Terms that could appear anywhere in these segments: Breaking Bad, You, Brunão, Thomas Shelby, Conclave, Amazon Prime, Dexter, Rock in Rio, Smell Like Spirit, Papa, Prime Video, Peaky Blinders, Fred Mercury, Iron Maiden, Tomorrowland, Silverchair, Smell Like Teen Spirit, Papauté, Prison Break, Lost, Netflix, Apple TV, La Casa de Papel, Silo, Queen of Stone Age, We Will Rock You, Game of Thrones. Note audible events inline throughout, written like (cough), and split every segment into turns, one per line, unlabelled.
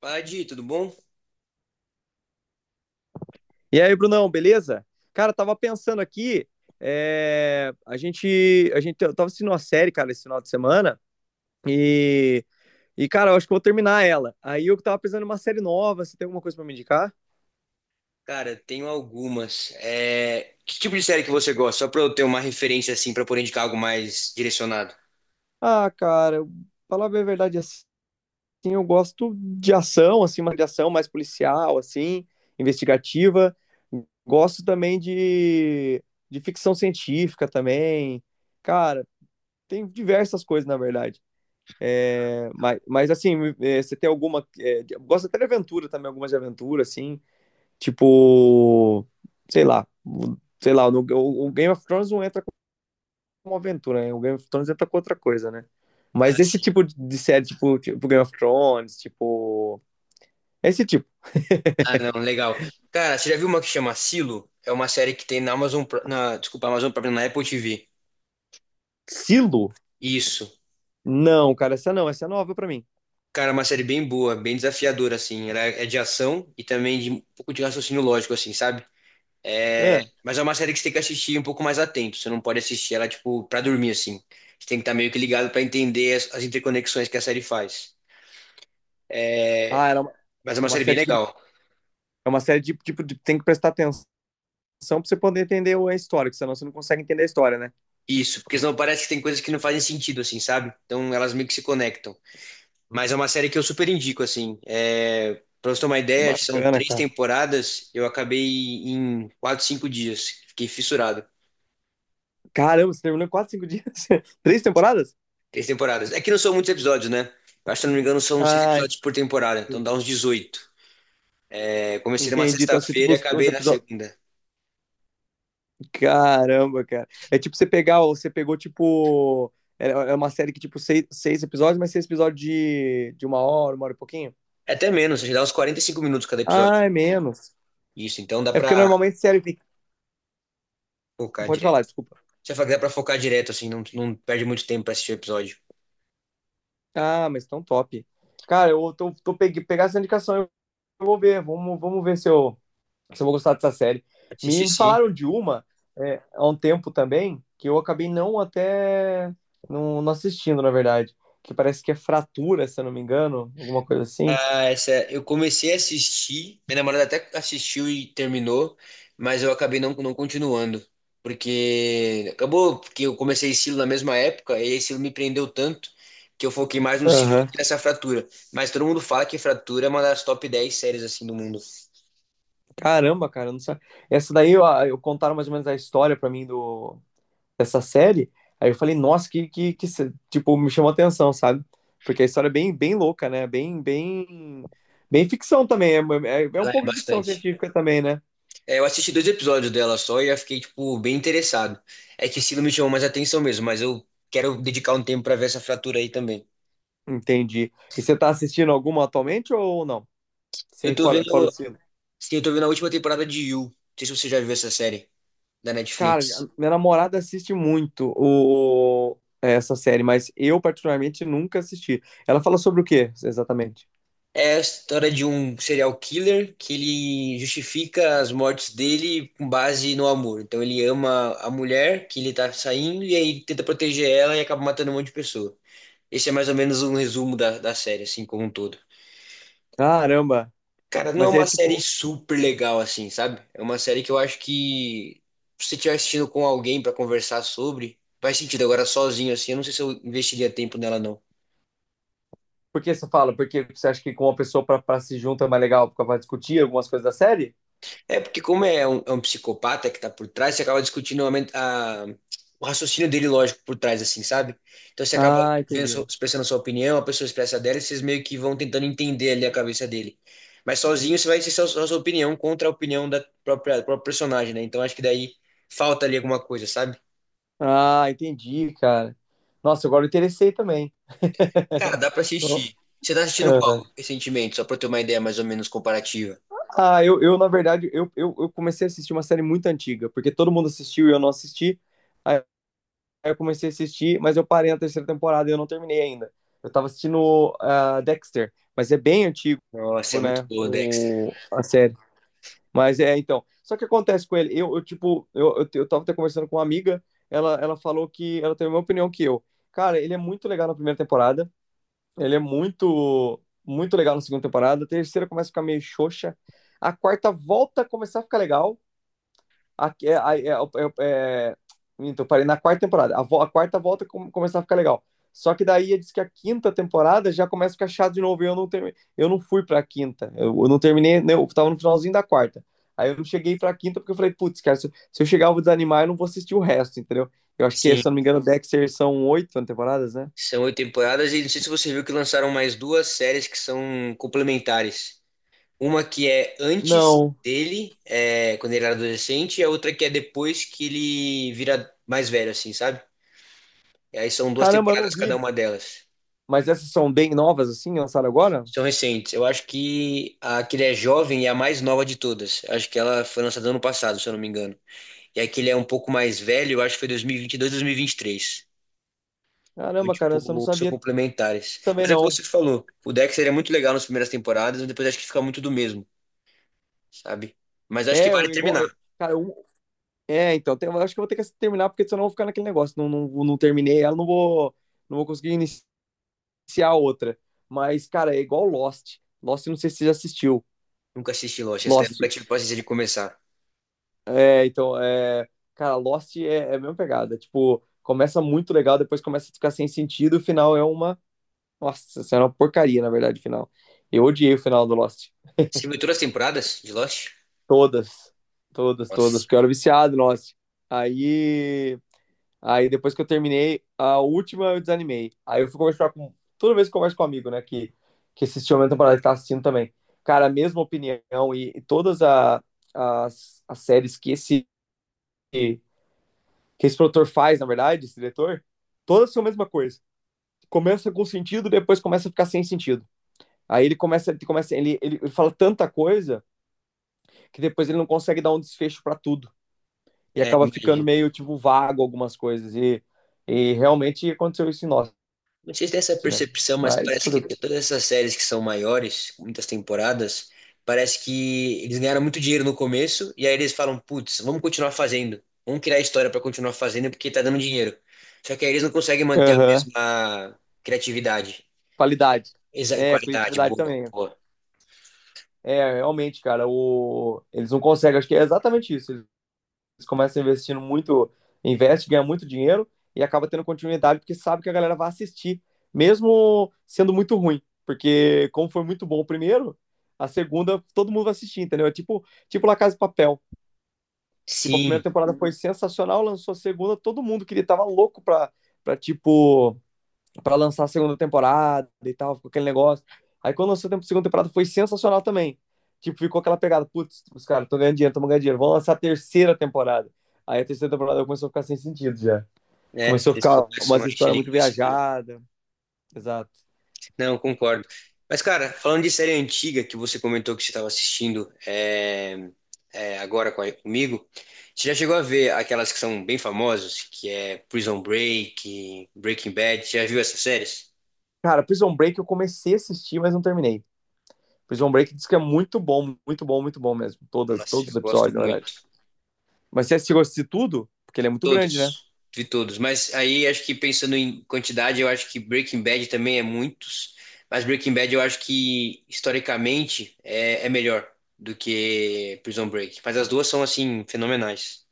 Fala, Di, tudo bom?
E aí, Brunão, beleza? Cara, tava pensando aqui, a gente eu tava assistindo uma série, cara, esse final de semana, e, e cara, eu acho que eu vou terminar ela. Aí eu tava pensando em uma série nova, você tem alguma coisa pra me indicar?
Cara, tenho algumas. É, que tipo de série que você gosta? Só pra eu ter uma referência assim, pra poder indicar algo mais direcionado.
Ah, cara, falar bem a verdade assim, eu gosto de ação, assim, uma de ação mais policial, assim, investigativa. Gosto também de ficção científica também. Cara, tem diversas coisas, na verdade. É,
Legal.
mas assim, é, você tem alguma. É, eu gosto até de aventura também, algumas de aventura, assim, tipo, sei lá, sei lá, o Game of Thrones não entra como aventura, né? O Game of Thrones entra com outra coisa, né?
Ah,
Mas esse
sim.
tipo de série, tipo, tipo Game of Thrones, tipo. Esse tipo.
Ah, não, legal. Cara, você já viu uma que chama Silo? É uma série que tem na Amazon, na, desculpa, Amazon Prime, na Apple TV.
Silo?
Isso.
Não, cara, essa não, essa é nova pra mim.
Cara, é uma série bem boa, bem desafiadora, assim. Ela é de ação e também de um pouco de raciocínio lógico, assim, sabe? É,
Ah,
mas é uma série que você tem que assistir um pouco mais atento. Você não pode assistir ela, tipo, pra dormir, assim. Você tem que estar meio que ligado pra entender as interconexões que a série faz.
era
Mas é uma
uma
série bem
série tipo de,
legal.
é uma série de, tipo de, tem que prestar atenção pra você poder entender a história, que senão você não consegue entender a história, né?
Isso, porque senão parece que tem coisas que não fazem sentido, assim, sabe? Então elas meio que se conectam. Mas é uma série que eu super indico, assim. É, pra você ter uma
Que
ideia, são
bacana,
três
cara.
temporadas. Eu acabei em quatro, cinco dias. Fiquei fissurado.
Caramba, você terminou em 4, 5 dias? (laughs) Três temporadas?
Três temporadas. É que não são muitos episódios, né? Eu acho que, se eu não me engano, são seis
Ah,
episódios por temporada. Então dá uns 18. É, comecei numa
entendi. Então, assim, tipo,
sexta-feira e
os
acabei na
episódios.
segunda.
Caramba, cara. É tipo você pegar, você pegou, tipo. É uma série que, tipo, seis episódios, mas seis episódios de uma hora e pouquinho?
É até menos, já dá uns 45 minutos cada episódio.
Ah, é menos.
Isso, então dá
É
pra
porque normalmente série.
focar
Pode falar,
direto.
desculpa.
Você fala que dá pra focar direto, assim, não perde muito tempo pra assistir o episódio.
Ah, mas tão top. Cara, eu tô, tô pegue, pegar essa indicação, eu vou ver. Vamos ver se eu vou gostar dessa série.
Assisti
Me
sim.
falaram de uma é, há um tempo também, que eu acabei não assistindo, na verdade. Que parece que é fratura, se eu não me engano, alguma coisa assim.
Ah, essa, eu comecei a assistir, minha namorada até assistiu e terminou, mas eu acabei não continuando. Porque acabou porque eu comecei estilo na mesma época, e esse me prendeu tanto que eu foquei mais no estilo do
Aham.
que nessa fratura. Mas todo mundo fala que fratura é uma das top 10 séries assim do mundo.
Caramba, cara, não sei. Essa daí eu contaram mais ou menos a história pra mim do, dessa série. Aí eu falei, nossa, que se- tipo, me chamou atenção, sabe? Porque a história é bem, bem louca, né? Bem, bem, bem ficção também. É um
Ela é
pouco de ficção
bastante.
científica também, né?
É, eu assisti dois episódios dela só e já fiquei, tipo, bem interessado. É que esse não me chamou mais atenção mesmo, mas eu quero dedicar um tempo pra ver essa fratura aí também.
Entendi. E você tá assistindo alguma atualmente ou não?
Eu
Sem
tô
fora, fora o
vendo,
sino.
sim, eu tô vendo a última temporada de You. Não sei se você já viu essa série da
Cara,
Netflix.
a minha namorada assiste muito essa série, mas eu particularmente nunca assisti. Ela fala sobre o quê, exatamente?
É a história de um serial killer que ele justifica as mortes dele com base no amor. Então ele ama a mulher que ele tá saindo e aí tenta proteger ela e acaba matando um monte de pessoa. Esse é mais ou menos um resumo da série, assim, como um todo.
Caramba!
Cara, não é
Mas é
uma série
tipo,
super legal assim, sabe? É uma série que eu acho que se você estiver assistindo com alguém pra conversar sobre, faz sentido. Agora sozinho assim, eu não sei se eu investiria tempo nela não.
por que você fala? Porque você acha que com uma pessoa pra se junta é mais legal pra pra discutir algumas coisas da série?
É porque como é um psicopata que tá por trás, você acaba discutindo o raciocínio dele lógico por trás assim, sabe? Então você acaba
Ah,
vendo,
entendi.
expressando a sua opinião, a pessoa expressa a dela e vocês meio que vão tentando entender ali a cabeça dele. Mas sozinho você vai ser só a sua opinião contra a opinião da própria, do próprio personagem, né? Então acho que daí falta ali alguma coisa, sabe?
Ah, entendi, cara. Nossa, agora eu interessei também.
Cara, dá pra assistir. Você tá assistindo qual recentemente? Só pra eu ter uma ideia mais ou menos comparativa.
Ah, eu na verdade, eu comecei a assistir uma série muito antiga, porque todo mundo assistiu e eu não assisti. Aí eu comecei a assistir, mas eu parei na terceira temporada e eu não terminei ainda. Eu tava assistindo Dexter, mas é bem antigo,
Nossa, é muito
né,
boa, Dexter.
a série. Mas é, então. Só que acontece com ele, eu tipo, eu tava até conversando com uma amiga, ela falou que, ela tem a mesma opinião que eu. Cara, ele é muito legal na primeira temporada, ele é muito, muito legal na segunda temporada. A terceira começa a ficar meio xoxa. A quarta volta a começar a ficar legal. A, é, é, é, é... Então, parei na quarta temporada. A quarta volta começar a ficar legal. Só que daí diz que a quinta temporada já começa a ficar chato de novo. E eu eu não fui pra quinta. Eu não terminei, né, eu tava no finalzinho da quarta. Aí eu não cheguei pra quinta porque eu falei, putz, cara, se eu chegar eu vou desanimar, eu não vou assistir o resto, entendeu? Eu acho que,
Sim,
se eu não me engano, Dexter são oito temporadas, né?
são oito temporadas e não sei se você viu que lançaram mais duas séries que são complementares. Uma que é antes
Não.
dele, é, quando ele era adolescente, e a outra que é depois que ele vira mais velho, assim, sabe? E aí são duas
Caramba, eu não
temporadas cada
vi.
uma delas.
Mas essas são bem novas, assim, lançaram agora?
São recentes. Eu acho que a que ele é jovem é a mais nova de todas. Acho que ela foi lançada ano passado, se eu não me engano. E aquele é um pouco mais velho, eu acho que foi 2022, 2023. Então,
Caramba, cara, essa eu não
tipo, são
sabia
complementares.
também,
Mas é o que
não.
você falou. O Dexter é muito legal nas primeiras temporadas, mas depois acho que fica muito do mesmo, sabe? Mas acho que
É,
vale
o igual.
terminar.
É, Cara, então, eu acho que eu vou ter que terminar, porque senão eu vou ficar naquele negócio. Não, não terminei ela, não vou conseguir iniciar outra. Mas, cara, é igual Lost. Lost, não sei se você já assistiu.
Nunca assisti Lost, essa daí eu
Lost.
nunca tive paciência de começar.
É, então, é. Cara, é a mesma pegada. Tipo, começa muito legal, depois começa a ficar sem sentido, o final é uma. Nossa, isso é uma porcaria, na verdade, o final. Eu odiei o final do Lost.
Você viu todas as temporadas de Lost?
Todas, todas, todas,
Nossa,
porque eu era viciado, nossa. Aí, aí depois que eu terminei, a última eu desanimei. Aí eu fui conversar com. Toda vez que eu converso com um amigo, né, que assistiu a minha temporada, que tá assistindo também. Cara, a mesma opinião e as séries que que esse produtor faz, na verdade, esse diretor, todas são a mesma coisa. Começa com sentido, depois começa a ficar sem sentido. Aí ele começa, ele começa, ele fala tanta coisa que depois ele não consegue dar um desfecho pra tudo. E
é,
acaba ficando
imagina.
meio tipo vago algumas coisas. E realmente aconteceu isso em Lost,
Não sei se tem essa
né?
percepção, mas
Mas
parece
fazer
que
o quê?
todas essas séries que são maiores, com muitas temporadas, parece que eles ganharam muito dinheiro no começo e aí eles falam, putz, vamos continuar fazendo. Vamos criar história para continuar fazendo porque tá dando dinheiro. Só que aí eles não conseguem manter a
Aham.
mesma criatividade
Qualidade.
e
É,
qualidade.
criatividade
Boa,
também.
boa.
É, realmente, cara, o... eles não conseguem. Acho que é exatamente isso. Eles começam investindo muito, investe, ganha muito dinheiro e acaba tendo continuidade porque sabe que a galera vai assistir, mesmo sendo muito ruim. Porque, como foi muito bom o primeiro, a segunda todo mundo vai assistir, entendeu? É tipo, tipo La Casa de Papel. Tipo, a primeira
Sim,
temporada foi sensacional, lançou a segunda, todo mundo queria, tava louco pra, pra tipo, pra lançar a segunda temporada e tal, ficou aquele negócio. Aí quando lançou a segunda temporada foi sensacional também. Tipo, ficou aquela pegada, putz, os caras estão ganhando dinheiro, vão lançar a terceira temporada. Aí a terceira temporada começou a ficar sem sentido já.
né?
Começou a
Eles
ficar
começam
umas
a encher
histórias muito
linguiça.
viajadas. Exato.
Não, concordo. Mas, cara, falando de série antiga que você comentou que você estava assistindo é, é, agora com comigo, você já chegou a ver aquelas que são bem famosas, que é Prison Break, Breaking Bad, você já viu essas séries?
Cara, Prison Break eu comecei a assistir, mas não terminei. Prison Break diz que é muito bom, muito bom, muito bom mesmo. Todas,
Nossa,
todos os
eu gosto
episódios, na verdade.
muito.
Mas você chegou a assistir tudo? Porque ele é muito grande, né?
Todos vi todos. Mas aí acho que pensando em quantidade, eu acho que Breaking Bad também é muitos. Mas Breaking Bad eu acho que historicamente é melhor do que Prison Break. Mas as duas são assim, fenomenais.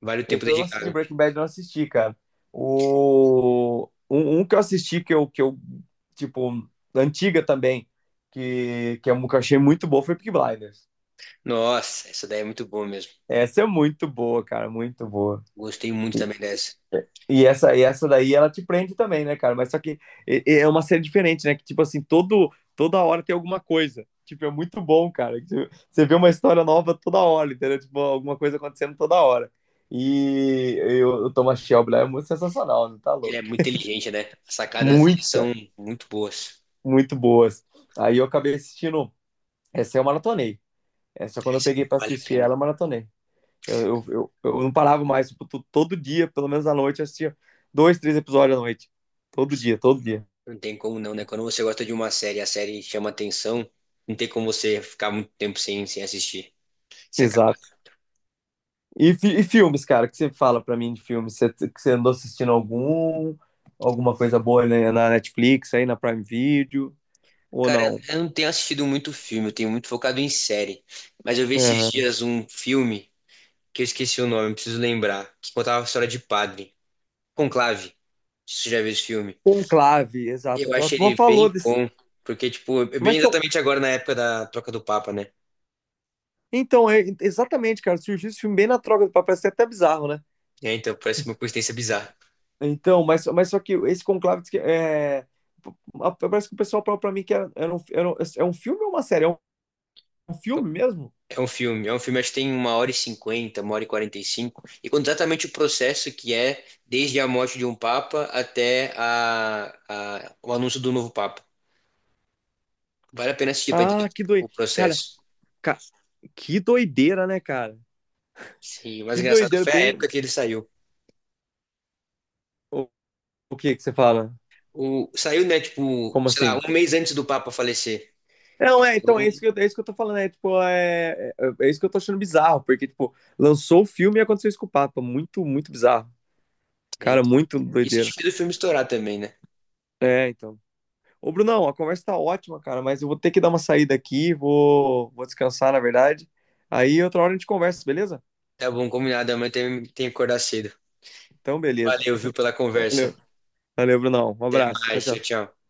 Vale o tempo
Eu assisti de
dedicado.
Breaking Bad, não assisti, cara. O... um que eu assisti, tipo, antiga também, que é um que eu achei muito boa, foi Peaky Blinders.
Nossa, essa daí é muito boa mesmo.
Essa é muito boa, cara, muito boa.
Gostei muito também dessa.
E essa daí ela te prende também, né, cara? Mas só que é uma série diferente, né? Que tipo assim, todo, toda hora tem alguma coisa. Tipo, é muito bom, cara. Que Você vê uma história nova toda hora, entendeu? Tipo, alguma coisa acontecendo toda hora. E eu o Thomas Shelby lá é muito sensacional, não tá
Ele é
louco?
muito inteligente, né? As sacadas dele
Muito,
são
cara.
muito boas.
Muito boas. Aí eu acabei assistindo. Essa eu maratonei. Essa quando eu
Essa
peguei pra
vale a
assistir ela,
pena.
eu maratonei. Eu não parava mais, tipo, todo dia, pelo menos à noite, eu assistia dois, três episódios à noite. Todo dia, todo dia.
Não tem como não, né? Quando você gosta de uma série, e a série chama atenção, não tem como você ficar muito tempo sem assistir, se acabar.
Exato. E, e filmes, cara, o que você fala pra mim de filmes? Você, que você andou assistindo algum? Alguma coisa boa né, na Netflix, aí na Prime Video? Ou
Cara,
não?
eu não tenho assistido muito filme, eu tenho muito focado em série. Mas eu vi esses
Aham.
dias um filme que eu esqueci o nome, preciso lembrar, que contava a história de padre. Conclave. Você já viu esse filme?
Conclave, exato.
Eu
A
acho
turma
ele
falou
bem
desse.
bom, porque, tipo, é
Mas
bem
então,
exatamente agora na época da troca do Papa, né?
então é, exatamente, cara, surgiu esse filme bem na troca do papel, isso é até bizarro, né?
É, então, parece uma coincidência bizarra.
Então, só que esse Conclave diz que, é, parece que o pessoal falou pra mim que é um filme ou uma série? Um
É um
filme mesmo?
é um filme, acho que tem uma hora e cinquenta, uma hora e quarenta e cinco, e conta exatamente o processo que é desde a morte de um Papa até o anúncio do novo Papa. Vale a pena assistir pra entender
Ah, que
o
doideira. Cara,
processo.
ca- que doideira, né, cara?
Sim, o mais
Que
engraçado
doideira,
foi a
bem.
época que ele saiu.
O, o que que você fala?
O, saiu, né, tipo,
Como
sei lá,
assim?
um mês antes do Papa falecer.
Não, é, então,
Então,
é isso que eu tô falando, é, tipo, é isso que eu tô achando bizarro, porque, tipo, lançou o filme e aconteceu isso com o Papa, muito, muito bizarro.
é,
Cara,
então.
muito
Isso acho
doideira.
que fez o filme estourar também, né?
É, então. Ô, Brunão, a conversa tá ótima, cara, mas eu vou ter que dar uma saída aqui, vou descansar, na verdade. Aí outra hora a gente conversa, beleza?
Tá bom, combinado. Amanhã tem que acordar cedo.
Então, beleza.
Valeu, viu, pela conversa.
Valeu. Valeu, Brunão. Um
Até
abraço. Tchau,
mais. Tchau,
tchau.
tchau.